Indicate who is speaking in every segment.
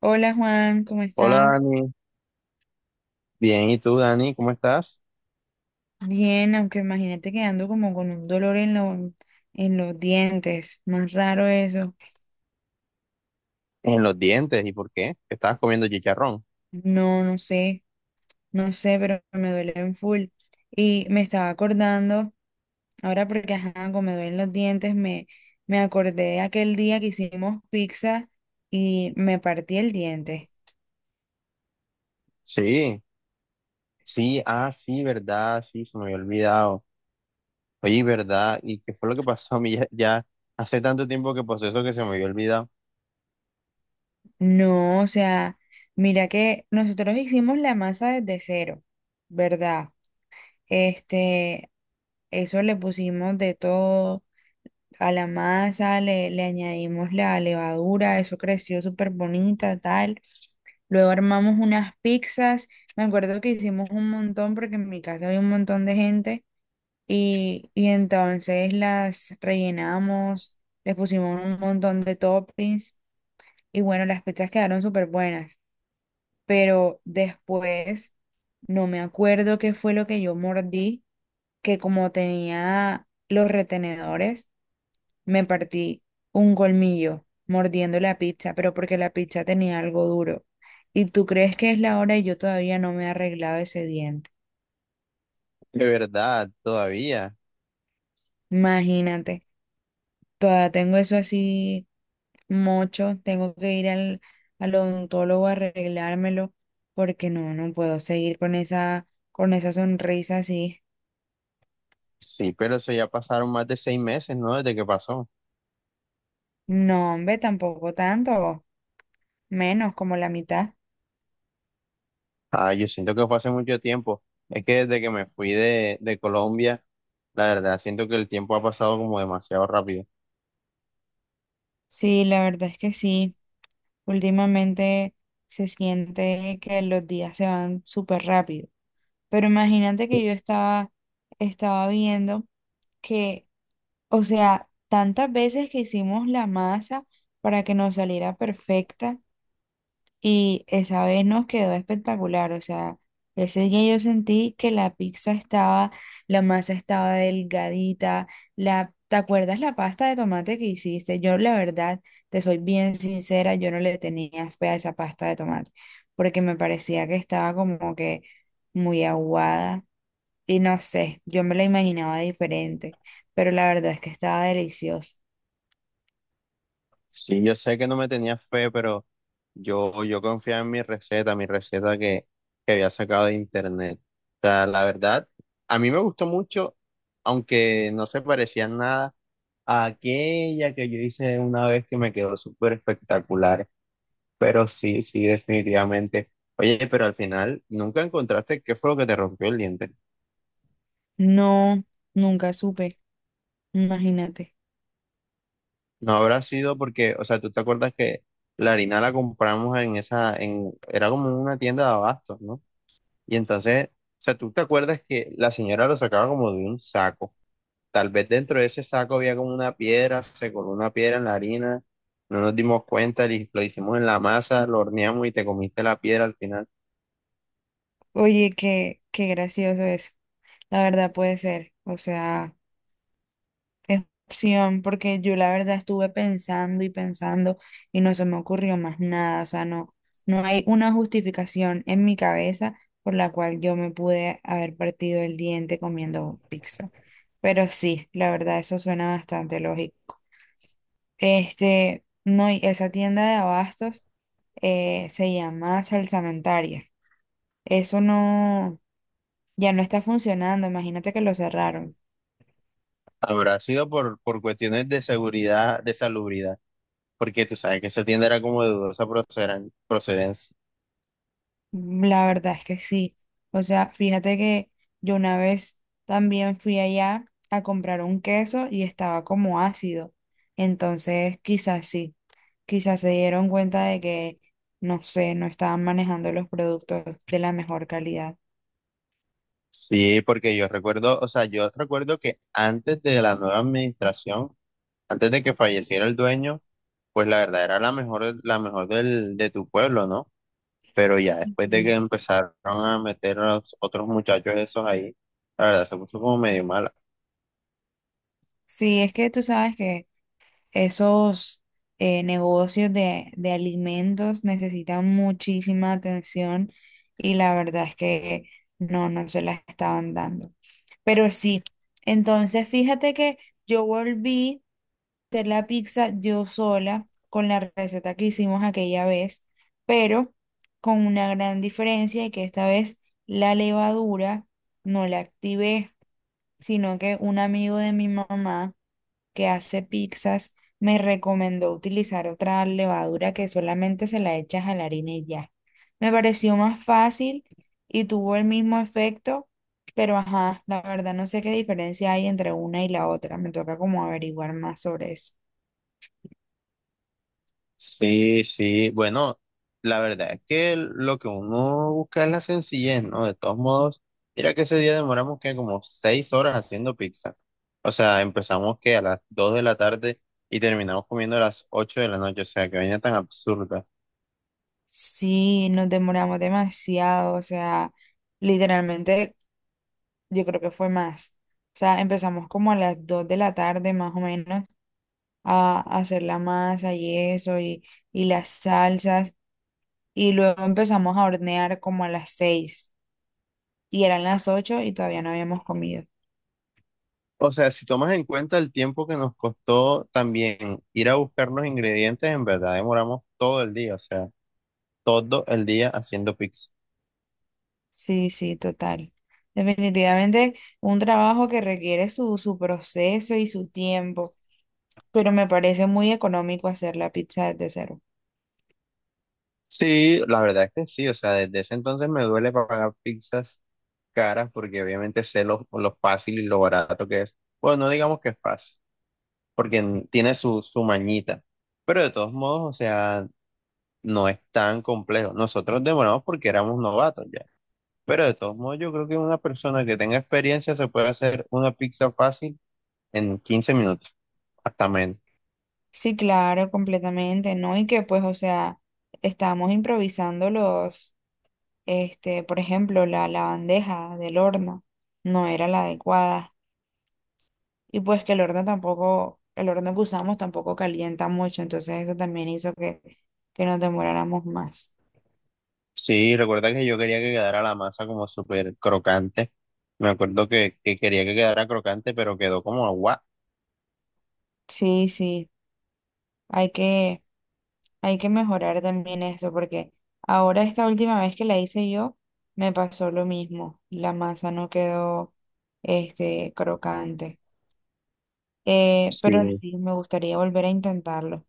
Speaker 1: Hola Juan, ¿cómo
Speaker 2: Hola
Speaker 1: estás?
Speaker 2: Dani, bien, ¿y tú Dani? ¿Cómo estás?
Speaker 1: Bien, aunque imagínate que ando como con un dolor en los dientes. Más raro eso.
Speaker 2: En los dientes, ¿y por qué? ¿Qué estabas comiendo chicharrón?
Speaker 1: No, no sé, no sé, pero me duele en full. Y me estaba acordando, ahora porque ajá, como me duelen los dientes, me acordé de aquel día que hicimos pizza y me partí el diente.
Speaker 2: Sí, sí, ah, sí, verdad, sí, se me había olvidado. Oye, ¿verdad? ¿Y qué fue lo que pasó a mí ya hace tanto tiempo que pasó eso que se me había olvidado?
Speaker 1: No, o sea, mira que nosotros hicimos la masa desde cero, ¿verdad? Este, Eso le pusimos de todo a la masa, le añadimos la levadura, eso creció súper bonita, tal. Luego armamos unas pizzas. Me acuerdo que hicimos un montón porque en mi casa había un montón de gente y entonces las rellenamos, les pusimos un montón de toppings y bueno, las pizzas quedaron súper buenas. Pero después no me acuerdo qué fue lo que yo mordí, que como tenía los retenedores me partí un colmillo mordiendo la pizza, pero porque la pizza tenía algo duro. Y tú crees que es la hora y yo todavía no me he arreglado ese diente.
Speaker 2: De verdad, todavía.
Speaker 1: Imagínate, todavía tengo eso así mocho, tengo que ir al odontólogo a arreglármelo porque no puedo seguir con esa sonrisa así.
Speaker 2: Sí, pero eso ya pasaron más de 6 meses, ¿no? Desde que pasó.
Speaker 1: No, hombre, tampoco tanto, menos como la mitad.
Speaker 2: Ah, yo siento que fue hace mucho tiempo. Es que desde que me fui de Colombia, la verdad, siento que el tiempo ha pasado como demasiado rápido.
Speaker 1: Sí, la verdad es que sí. Últimamente se siente que los días se van súper rápido. Pero imagínate que yo estaba viendo que, o sea, tantas veces que hicimos la masa para que nos saliera perfecta. Y esa vez nos quedó espectacular, o sea, ese día yo sentí que la pizza estaba, la masa estaba delgadita, ¿te acuerdas la pasta de tomate que hiciste? Yo la verdad, te soy bien sincera, yo no le tenía fe a esa pasta de tomate, porque me parecía que estaba como que muy aguada y no sé, yo me la imaginaba diferente, pero la verdad es que estaba deliciosa.
Speaker 2: Sí, yo sé que no me tenía fe, pero yo confiaba en mi receta que había sacado de internet. O sea, la verdad, a mí me gustó mucho, aunque no se parecía en nada a aquella que yo hice una vez que me quedó súper espectacular. Pero sí, sí, definitivamente. Oye, pero al final, ¿nunca encontraste qué fue lo que te rompió el diente?
Speaker 1: No, nunca supe, imagínate.
Speaker 2: No habrá sido porque, o sea, tú te acuerdas que la harina la compramos era como una tienda de abastos, ¿no? Y entonces, o sea, tú te acuerdas que la señora lo sacaba como de un saco. Tal vez dentro de ese saco había como una piedra, se coló una piedra en la harina, no nos dimos cuenta, lo hicimos en la masa, lo horneamos y te comiste la piedra al final.
Speaker 1: Oye, qué gracioso es. La verdad puede ser. O sea, es opción porque yo la verdad estuve pensando y pensando y no se me ocurrió más nada. O sea, no, no hay una justificación en mi cabeza por la cual yo me pude haber partido el diente comiendo pizza. Pero sí, la verdad, eso suena bastante lógico. No, y esa tienda de abastos se llama Salsamentaria. Eso no. Ya no está funcionando, imagínate que lo cerraron.
Speaker 2: Habrá sido por cuestiones de seguridad, de salubridad, porque tú sabes que esa tienda era como de dudosa procedencia.
Speaker 1: Mm, la verdad es que sí. O sea, fíjate que yo una vez también fui allá a comprar un queso y estaba como ácido. Entonces, quizás sí, quizás se dieron cuenta de que, no sé, no estaban manejando los productos de la mejor calidad.
Speaker 2: Sí, porque yo recuerdo, o sea, yo recuerdo que antes de la nueva administración, antes de que falleciera el dueño, pues la verdad era la mejor de tu pueblo, ¿no? Pero ya después de que
Speaker 1: Sí.
Speaker 2: empezaron a meter a los otros muchachos esos ahí, la verdad se puso como medio mala.
Speaker 1: Sí, es que tú sabes que... Esos negocios de alimentos necesitan muchísima atención y la verdad es que no se la estaban dando. Pero sí, entonces fíjate que yo volví a hacer la pizza yo sola con la receta que hicimos aquella vez, pero con una gran diferencia y que esta vez la levadura no la activé, sino que un amigo de mi mamá que hace pizzas me recomendó utilizar otra levadura que solamente se la echas a la harina y ya. Me pareció más fácil y tuvo el mismo efecto, pero ajá, la verdad no sé qué diferencia hay entre una y la otra. Me toca como averiguar más sobre eso.
Speaker 2: Sí, sí, bueno, la verdad es que lo que uno busca es la sencillez, ¿no? De todos modos, mira que ese día demoramos que como 6 horas haciendo pizza. O sea, empezamos que a las dos de la tarde y terminamos comiendo a las ocho de la noche, o sea, que vaina tan absurda.
Speaker 1: Sí, nos demoramos demasiado, o sea, literalmente yo creo que fue más. O sea, empezamos como a las 2 de la tarde más o menos a hacer la masa y eso y las salsas. Y luego empezamos a hornear como a las 6. Y eran las 8 y todavía no habíamos comido.
Speaker 2: O sea, si tomas en cuenta el tiempo que nos costó también ir a buscar los ingredientes, en verdad demoramos todo el día, o sea, todo el día haciendo pizza.
Speaker 1: Sí, sí, total. Definitivamente un trabajo que requiere su proceso y su tiempo. Pero me parece muy económico hacer la pizza desde cero.
Speaker 2: Sí, la verdad es que sí, o sea, desde ese entonces me duele pagar pizzas caras porque obviamente sé lo fácil y lo barato que es. Bueno, no digamos que es fácil, porque tiene su mañita, pero de todos modos, o sea, no es tan complejo. Nosotros demoramos porque éramos novatos ya. Pero de todos modos, yo creo que una persona que tenga experiencia se puede hacer una pizza fácil en 15 minutos, hasta menos.
Speaker 1: Sí, claro, completamente, ¿no? Y que pues, o sea, estábamos improvisando por ejemplo, la bandeja del horno no era la adecuada. Y pues que el horno tampoco, el horno que usamos tampoco calienta mucho, entonces eso también hizo que nos demoráramos más.
Speaker 2: Sí, recuerda que yo quería que quedara la masa como súper crocante. Me acuerdo que quería que quedara crocante, pero quedó como agua.
Speaker 1: Sí, sí, hay que, hay que mejorar también eso, porque ahora esta última vez que la hice yo, me pasó lo mismo. La masa no quedó, crocante. Pero
Speaker 2: Sí.
Speaker 1: sí, me gustaría volver a intentarlo.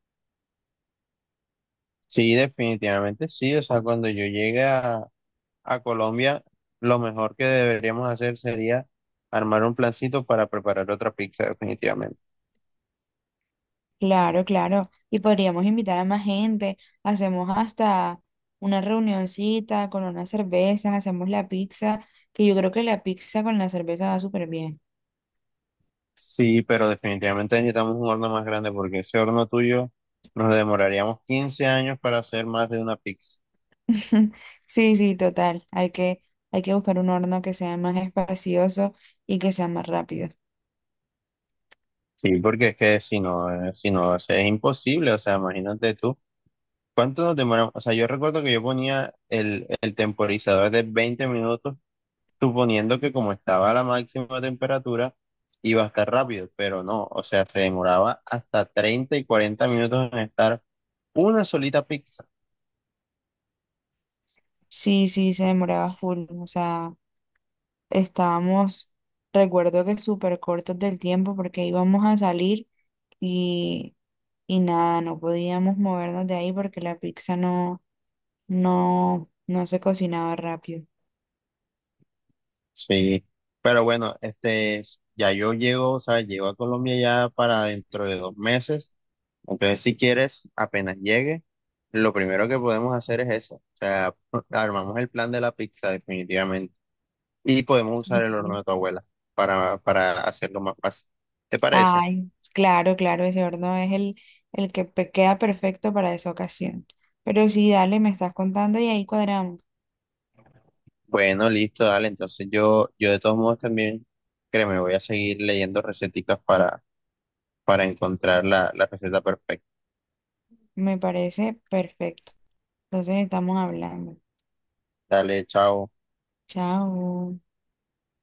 Speaker 2: Sí, definitivamente sí. O sea, cuando yo llegue a Colombia, lo mejor que deberíamos hacer sería armar un plancito para preparar otra pizza, definitivamente.
Speaker 1: Claro, claro. Y podríamos invitar a más gente. Hacemos hasta una reunioncita con unas cervezas, hacemos la pizza, que yo creo que la pizza con la cerveza va súper bien.
Speaker 2: Sí, pero definitivamente necesitamos un horno más grande porque ese horno tuyo nos demoraríamos 15 años para hacer más de una pizza.
Speaker 1: Sí, sí, total. Hay que buscar un horno que sea más espacioso y que sea más rápido.
Speaker 2: Sí, porque es que si no, si no, o sea, es imposible. O sea, imagínate tú, ¿cuánto nos demoramos? O sea, yo recuerdo que yo ponía el temporizador de 20 minutos, suponiendo que como estaba a la máxima temperatura, iba a estar rápido, pero no, o sea, se demoraba hasta 30 y 40 minutos en estar una solita pizza.
Speaker 1: Sí, sí, se demoraba full. O sea, estábamos, recuerdo que súper cortos del tiempo porque íbamos a salir y, y nada, no podíamos movernos de ahí porque la pizza no se cocinaba rápido.
Speaker 2: Sí, pero bueno, este, ya yo llego, o sea, llego a Colombia ya para dentro de 2 meses. Entonces, si quieres, apenas llegue, lo primero que podemos hacer es eso. O sea, armamos el plan de la pizza definitivamente y podemos usar el horno
Speaker 1: Ujú.
Speaker 2: de tu abuela para hacerlo más fácil. ¿Te parece?
Speaker 1: Ay, claro, claro, ese horno es el que queda perfecto para esa ocasión. Pero sí, dale, me estás contando y ahí cuadramos.
Speaker 2: Bueno, listo, dale. Entonces yo de todos modos también, créeme, voy a seguir leyendo receticas para encontrar la receta perfecta.
Speaker 1: Me parece perfecto. Entonces estamos hablando.
Speaker 2: Dale, chao.
Speaker 1: Chao.